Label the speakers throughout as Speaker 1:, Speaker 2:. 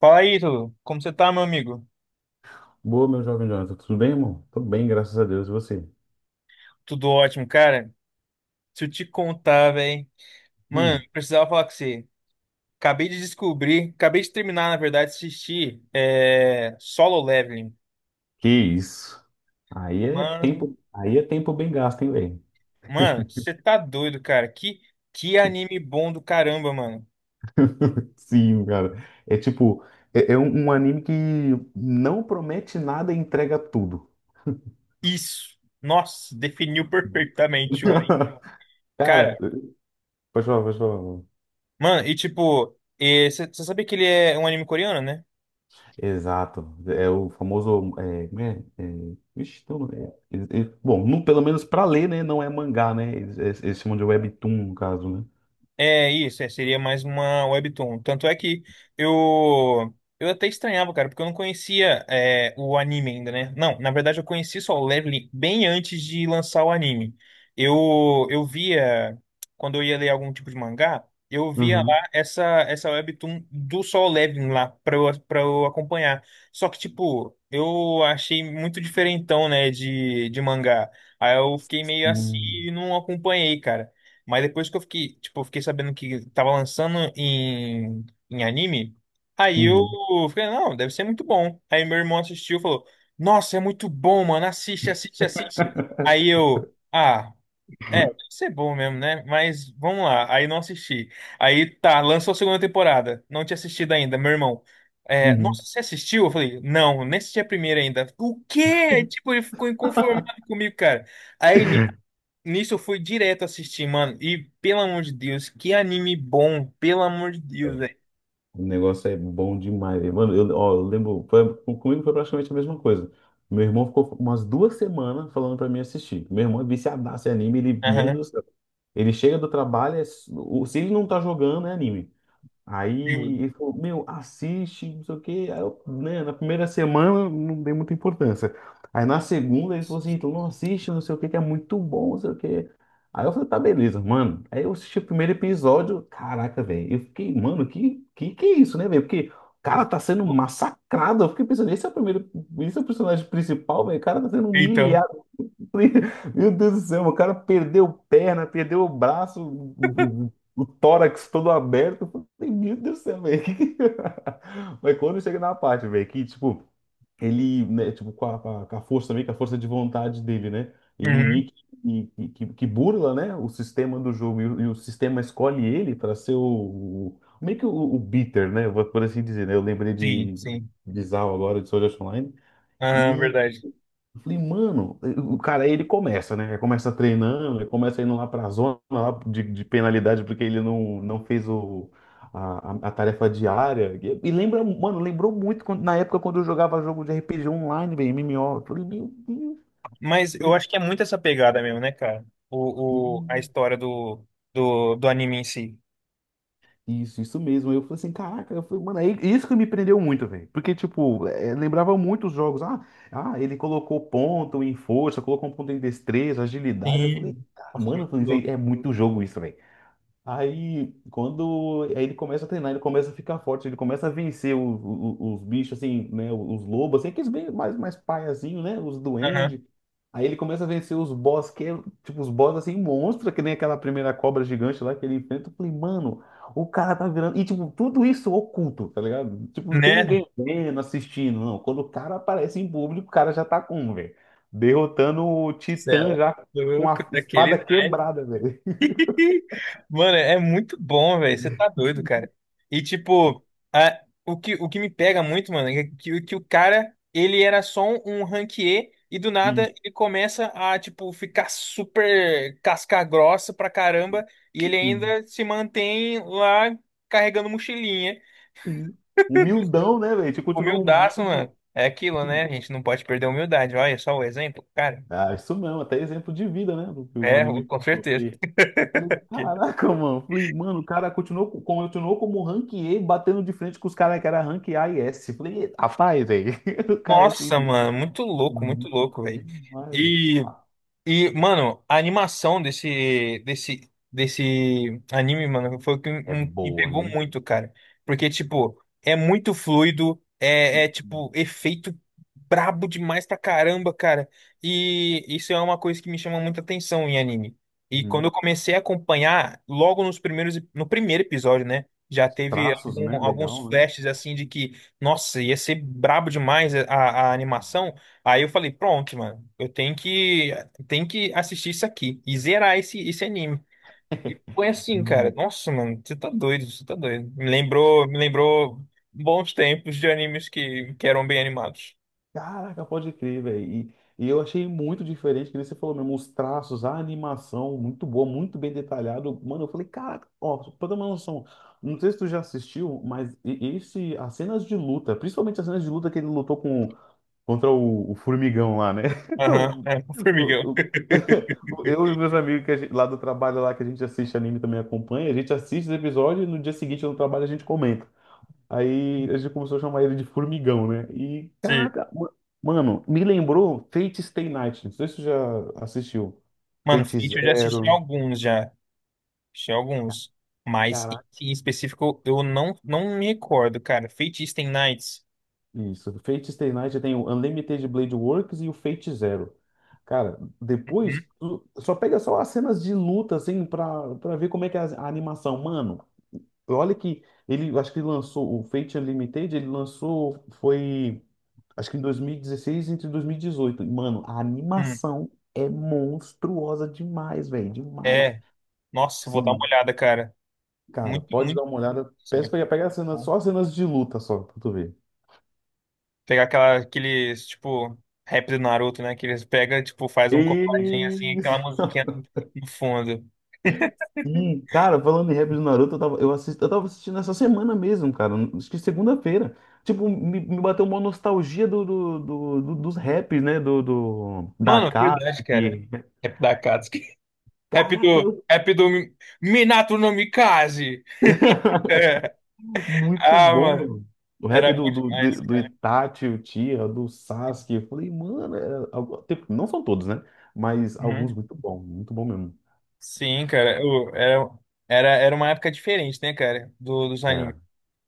Speaker 1: Fala aí, Ítalo. Como você tá, meu amigo?
Speaker 2: Boa, meu jovem Jonathan. Tudo bem, irmão? Tudo bem, graças a Deus. E você?
Speaker 1: Tudo ótimo, cara. Se eu te contar, velho. Mano,
Speaker 2: Hum,
Speaker 1: precisava falar com você. Acabei de descobrir, acabei de terminar, na verdade, de assistir Solo Leveling.
Speaker 2: que isso? Aí é
Speaker 1: Mano,
Speaker 2: tempo, aí é tempo bem gasto, hein, velho?
Speaker 1: mano, você tá doido, cara. Que anime bom do caramba, mano.
Speaker 2: Sim, cara. É tipo, é um anime que não promete nada e entrega tudo.
Speaker 1: Isso. Nossa, definiu perfeitamente o anime.
Speaker 2: Cara,
Speaker 1: Cara,
Speaker 2: pode falar, pode falar, mano.
Speaker 1: mano, e tipo, você sabe que ele é um anime coreano, né?
Speaker 2: Exato. É o famoso. É, como é, ixi, tem um nome, bom, pelo menos pra ler, né? Não é mangá, né? Eles chamam de webtoon, no caso, né?
Speaker 1: É isso, seria mais uma webtoon. Tanto é que eu eu até estranhava, cara, porque eu não conhecia o anime ainda, né? Não, na verdade eu conheci só o Leveling bem antes de lançar o anime. Eu via quando eu ia ler algum tipo de mangá, eu via
Speaker 2: Uhum.
Speaker 1: lá essa webtoon do Solo Leveling lá para eu acompanhar. Só que tipo, eu achei muito diferentão, né, de mangá. Aí eu fiquei meio assim
Speaker 2: Hum.
Speaker 1: e não acompanhei, cara. Mas depois que eu fiquei, tipo, eu fiquei sabendo que tava lançando em anime, aí eu
Speaker 2: Uhum.
Speaker 1: falei, não, deve ser muito bom. Aí meu irmão assistiu e falou, nossa, é muito bom, mano, assiste, assiste, assiste. Aí eu, ah, deve ser bom mesmo, né? Mas vamos lá, aí não assisti. Aí tá, lançou a segunda temporada, não tinha assistido ainda, meu irmão. É,
Speaker 2: Uhum.
Speaker 1: nossa, você assistiu? Eu falei, não, nem assisti a primeira ainda. O quê? Tipo, ele ficou inconformado comigo, cara. Aí Nisso eu fui direto assistir, mano. E pelo amor de Deus, que anime bom, pelo amor de Deus, velho.
Speaker 2: O negócio é bom demais, velho. Mano, eu, ó, eu lembro, comigo foi praticamente a mesma coisa. Meu irmão ficou umas 2 semanas falando pra mim assistir. Meu irmão é viciadaço em anime, ele, meu
Speaker 1: Aham.
Speaker 2: Deus do céu. Ele chega do trabalho, é se ele não tá jogando, é anime.
Speaker 1: Sim.
Speaker 2: Aí ele falou, meu, assiste, não sei o quê. Aí eu, né, na primeira semana não dei muita importância. Aí na segunda ele falou assim, então não assiste, não sei o quê, que é muito bom, não sei o quê. Aí eu falei, tá, beleza, mano. Aí eu assisti o primeiro episódio, caraca, velho. Eu fiquei, mano, que é isso, né, velho? Porque o cara tá sendo massacrado. Eu fiquei pensando, esse é o primeiro, esse é o personagem principal, velho. O cara tá sendo
Speaker 1: Então.
Speaker 2: humilhado. Meu Deus do céu, o cara perdeu perna, perdeu o braço, o tórax todo aberto. Eu falei, meu Deus do céu, velho. Mas quando chega na parte, velho, que tipo, ele, né, tipo, com a força também, com a força de vontade dele, né? Ele
Speaker 1: Uhum.
Speaker 2: meio que, que burla, né, o sistema do jogo e o sistema escolhe ele para ser meio que o beater, né? Por assim dizer, né? Eu lembrei
Speaker 1: Sim,
Speaker 2: de, de,
Speaker 1: sim.
Speaker 2: de Zao agora, de Sword Art Online.
Speaker 1: Aham, verdade.
Speaker 2: Eu falei, mano, o cara, aí ele começa, né? Ele começa treinando, ele começa indo lá pra zona lá de penalidade porque ele não fez a tarefa diária. E lembra, mano, lembrou muito na época quando eu jogava jogo de RPG online, velho, MMO. Eu falei, meu Deus.
Speaker 1: Mas
Speaker 2: Eu
Speaker 1: eu
Speaker 2: falei,
Speaker 1: acho que é muito essa pegada mesmo, né, cara? A
Speaker 2: "Hum,
Speaker 1: história do anime em si.
Speaker 2: isso, isso mesmo. Eu falei assim, caraca, eu falei, mano, aí, isso que me prendeu muito, velho. Porque, tipo, lembrava muito os jogos. Ah, ah, ele colocou ponto em força, colocou um ponto em destreza, agilidade. Eu falei,
Speaker 1: Sim.
Speaker 2: "Ah,
Speaker 1: Nossa,
Speaker 2: mano,
Speaker 1: que
Speaker 2: eu falei, isso aí é
Speaker 1: louco.
Speaker 2: muito jogo isso, velho. Aí, quando aí ele começa a treinar, ele começa a ficar forte, ele começa a vencer os bichos, assim, né? Os lobos, assim, aqueles bem mais, mais paiazinho, né? Os
Speaker 1: Aham.
Speaker 2: duendes. Aí ele começa a vencer os boss, que é, tipo, os boss, assim, monstro, que nem aquela primeira cobra gigante lá que ele enfrenta. Eu falei, mano, o cara tá virando. E, tipo, tudo isso oculto, tá ligado? Tipo, não tem
Speaker 1: Né?
Speaker 2: ninguém vendo, assistindo, não. Quando o cara aparece em público, o cara já tá com, velho. Derrotando o Titã
Speaker 1: Céu.
Speaker 2: já com
Speaker 1: Louco,
Speaker 2: a espada
Speaker 1: daquele naipe.
Speaker 2: quebrada, velho.
Speaker 1: Mano, é muito bom, velho. Você tá doido, cara. E tipo, o que me pega muito, mano, é que o cara, ele era só um ranquier e do nada ele começa a, tipo, ficar super casca grossa pra caramba e ele
Speaker 2: Isso.
Speaker 1: ainda se mantém lá carregando mochilinha.
Speaker 2: Sim. Humildão, né, velho? A gente continua
Speaker 1: Humildaço,
Speaker 2: humilde.
Speaker 1: mano. É aquilo, né? A gente não pode perder a humildade. Olha só o exemplo, cara.
Speaker 2: Ah, isso mesmo, até exemplo de vida, né? Do que o
Speaker 1: É,
Speaker 2: anime
Speaker 1: com
Speaker 2: passou.
Speaker 1: certeza.
Speaker 2: Porque, falei, caraca, mano. Falei, mano, o cara continuou, continuou como rank E, batendo de frente com os caras que era rank A e S. Falei, rapaz, velho. O cara é assim.
Speaker 1: Nossa, mano, muito louco, velho.
Speaker 2: Demais, mano. Ah,
Speaker 1: E, mano, a animação desse anime, mano, foi o que
Speaker 2: é
Speaker 1: me
Speaker 2: boa,
Speaker 1: pegou
Speaker 2: hein?
Speaker 1: muito, cara. Porque, tipo, é muito fluido, tipo, efeito brabo demais pra caramba, cara. E isso é uma coisa que me chama muita atenção em anime. E quando
Speaker 2: Uhum.
Speaker 1: eu comecei a acompanhar, logo no primeiro episódio, né? Já teve
Speaker 2: Traços, né?
Speaker 1: alguns
Speaker 2: Legal, né?
Speaker 1: flashes assim de que, nossa, ia ser brabo demais a animação. Aí eu falei, pronto, mano, eu tenho que tem que assistir isso aqui e zerar esse anime. E foi assim, cara.
Speaker 2: Uhum.
Speaker 1: Nossa, mano, você tá doido, você tá doido. Me lembrou bons tempos de animes que eram bem animados.
Speaker 2: Caraca, pode crer, velho. E eu achei muito diferente, que nem você falou mesmo, os traços, a animação, muito boa, muito bem detalhado. Mano, eu falei, caraca, ó, pra ter uma noção, não sei se tu já assistiu, mas esse, as cenas de luta, principalmente as cenas de luta que ele lutou contra o formigão lá, né?
Speaker 1: Aham, é, o Formigão.
Speaker 2: O- o- o- Eu e os meus amigos que lá do trabalho lá que a gente assiste anime também acompanha, a gente assiste os episódios e no dia seguinte no trabalho a gente comenta. Aí a gente começou a chamar ele de Formigão, né? E,
Speaker 1: Sim.
Speaker 2: caraca, mano, me lembrou Fate Stay Night. Não sei se você já assistiu.
Speaker 1: Mano,
Speaker 2: Fate
Speaker 1: Fate eu já assisti
Speaker 2: Zero.
Speaker 1: alguns já. Assisti alguns. Mas
Speaker 2: Caraca,
Speaker 1: esse em específico eu não me recordo, cara. Fate Stay Nights.
Speaker 2: isso. Fate Stay Night tem o Unlimited Blade Works e o Fate Zero. Cara,
Speaker 1: Uhum.
Speaker 2: depois, tu só pega só as cenas de luta, assim, pra, pra ver como é que é a animação. Mano, olha que ele, eu acho que lançou o Fate Unlimited, ele lançou, foi. Acho que em 2016 entre 2018. E, 18. E, Mano, a
Speaker 1: Hum.
Speaker 2: animação é monstruosa demais, velho. Demais.
Speaker 1: É. Nossa, vou dar uma
Speaker 2: Sim,
Speaker 1: olhada, cara.
Speaker 2: cara,
Speaker 1: Muito,
Speaker 2: pode dar
Speaker 1: muito.
Speaker 2: uma olhada.
Speaker 1: Isso.
Speaker 2: Peço
Speaker 1: mas-
Speaker 2: pra pegar as cenas, só as cenas de luta só, pra tu ver.
Speaker 1: Pegar aqueles, tipo, rap do Naruto, né? Que eles pegam, tipo, faz um compadinho assim,
Speaker 2: E...
Speaker 1: aquela musiquinha no fundo.
Speaker 2: Sim, cara, falando em rap do Naruto, eu tava, eu assisti, eu tava assistindo essa semana mesmo, cara. Acho que segunda-feira. Tipo, me bateu uma nostalgia dos raps, né? Da
Speaker 1: Mano, verdade, cara.
Speaker 2: Akatsuki.
Speaker 1: Rap da Akatsuki. Rap
Speaker 2: Caraca,
Speaker 1: do,
Speaker 2: eu.
Speaker 1: rap do Minato no Mikaze. É.
Speaker 2: Muito
Speaker 1: Ah, mano.
Speaker 2: bom. O
Speaker 1: Era
Speaker 2: rap do,
Speaker 1: bom
Speaker 2: do,
Speaker 1: demais,
Speaker 2: do, do
Speaker 1: cara.
Speaker 2: Itachi, o Tia, do Sasuke. Eu falei, mano, não são todos, né? Mas
Speaker 1: Uhum.
Speaker 2: alguns muito bom mesmo.
Speaker 1: Sim, cara. Era uma época diferente, né, cara? Dos animes.
Speaker 2: Era.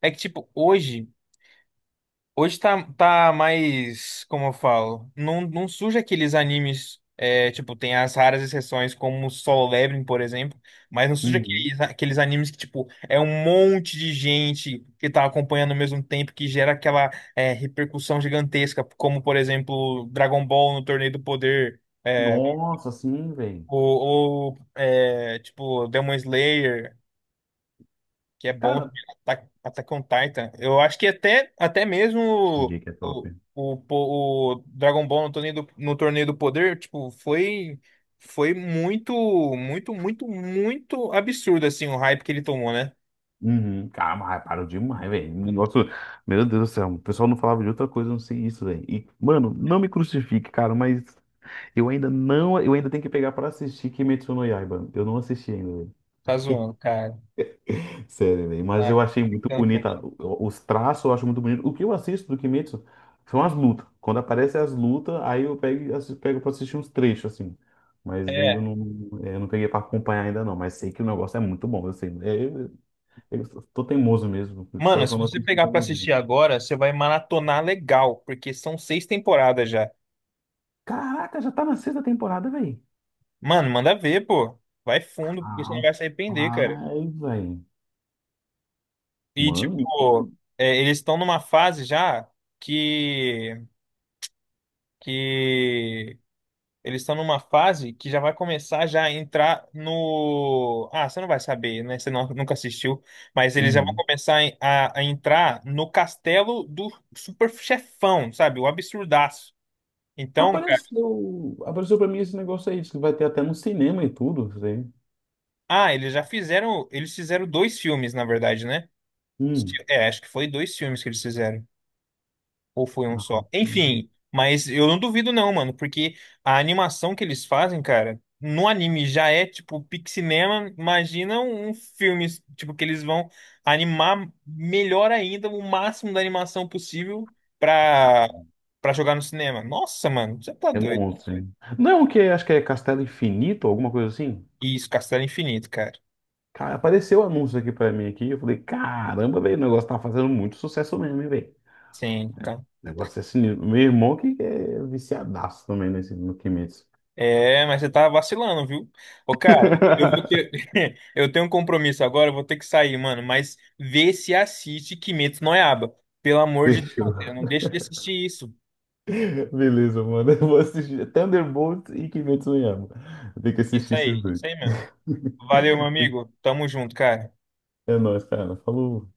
Speaker 1: É que, tipo, hoje. Hoje tá mais, como eu falo, não surge aqueles animes, tipo, tem as raras exceções como Solo Leveling, por exemplo, mas não surge
Speaker 2: Uhum.
Speaker 1: aqueles animes que, tipo, é um monte de gente que tá acompanhando ao mesmo tempo, que gera aquela, repercussão gigantesca, como, por exemplo, Dragon Ball no Torneio do Poder,
Speaker 2: Nossa, sim, velho.
Speaker 1: ou, tipo, Demon Slayer, que é bom de
Speaker 2: Cara,
Speaker 1: Attack on Titan. Eu acho que até mesmo
Speaker 2: Shingeki é top.
Speaker 1: o, o, o, o Dragon Ball no torneio do poder, tipo, foi muito, muito, muito, muito absurdo assim o hype que ele tomou, né?
Speaker 2: Uhum. Cara, mas parou demais, velho. Negócio, meu Deus do céu, o pessoal não falava de outra coisa, não sei isso, velho. E, mano, não me crucifique, cara, mas eu ainda não, eu ainda tenho que pegar pra assistir Kimetsu no Yaiba. Eu não assisti ainda.
Speaker 1: Tá zoando, cara.
Speaker 2: Sério, velho. Mas
Speaker 1: Tá
Speaker 2: eu achei muito
Speaker 1: brincando com-
Speaker 2: bonita. Os traços eu acho muito bonito. O que eu assisto do Kimetsu são as lutas. Quando aparecem as lutas, aí eu pego, e pego pra assistir uns trechos, assim. Mas ainda
Speaker 1: É.
Speaker 2: não, eu não peguei pra acompanhar ainda não. Mas sei que o negócio é muito bom. Eu sei. É, eu tô teimoso mesmo. Só,
Speaker 1: Mano,
Speaker 2: só
Speaker 1: se
Speaker 2: não
Speaker 1: você
Speaker 2: assisti
Speaker 1: pegar pra
Speaker 2: teimosinho.
Speaker 1: assistir agora, você vai maratonar legal, porque são seis temporadas já.
Speaker 2: Caraca, já tá na sexta temporada, velho.
Speaker 1: Mano, manda ver, pô. Vai fundo, porque você não vai se arrepender, cara.
Speaker 2: Rapaz, velho.
Speaker 1: E,
Speaker 2: Mano.
Speaker 1: tipo, eles estão numa fase já que, que eles estão numa fase que já vai começar já a entrar no. Ah, você não vai saber, né? Você não- nunca assistiu, mas eles já vão
Speaker 2: Uhum.
Speaker 1: começar a entrar no castelo do super chefão, sabe? O absurdaço. Então, cara,
Speaker 2: Apareceu, apareceu pra mim esse negócio aí. Diz que vai ter até no cinema e tudo. Isso aí.
Speaker 1: ah, eles já fizeram. Eles fizeram dois filmes, na verdade, né?
Speaker 2: Hum.
Speaker 1: É, acho que foi dois filmes que eles fizeram. Ou foi um
Speaker 2: Ah,
Speaker 1: só? Enfim, mas eu não duvido não, mano, porque a animação que eles fazem, cara, no anime já é tipo pixinema, imagina um filme, tipo, que eles vão animar melhor ainda, o máximo da animação possível
Speaker 2: ah,
Speaker 1: pra, pra jogar no cinema. Nossa, mano, você tá
Speaker 2: é
Speaker 1: doido.
Speaker 2: monstro, hein? Não, que acho que é Castelo Infinito, alguma coisa assim.
Speaker 1: Isso, Castelo Infinito, cara.
Speaker 2: Cara, apareceu o anúncio aqui pra mim aqui, eu falei, caramba, velho, o negócio tá fazendo muito sucesso mesmo, hein, velho.
Speaker 1: Sim, então.
Speaker 2: O negócio é sinistro. Meu irmão que é viciadaço também nesse no Kimetsu.
Speaker 1: É, mas você tá vacilando, viu? Ô, cara, eu vou ter... eu tenho um compromisso agora, eu vou ter que sair, mano. Mas vê se assiste Kimetsu no Yaiba. Pelo amor de Deus, cara,
Speaker 2: Fechou.
Speaker 1: não deixe de assistir isso.
Speaker 2: Beleza, mano. Eu vou assistir Thunderbolt e Kimetsu no Yaiba. Eu tenho que assistir esses dois.
Speaker 1: Isso aí mesmo. Valeu, meu amigo. Tamo junto, cara.
Speaker 2: É nóis, cara. Falou.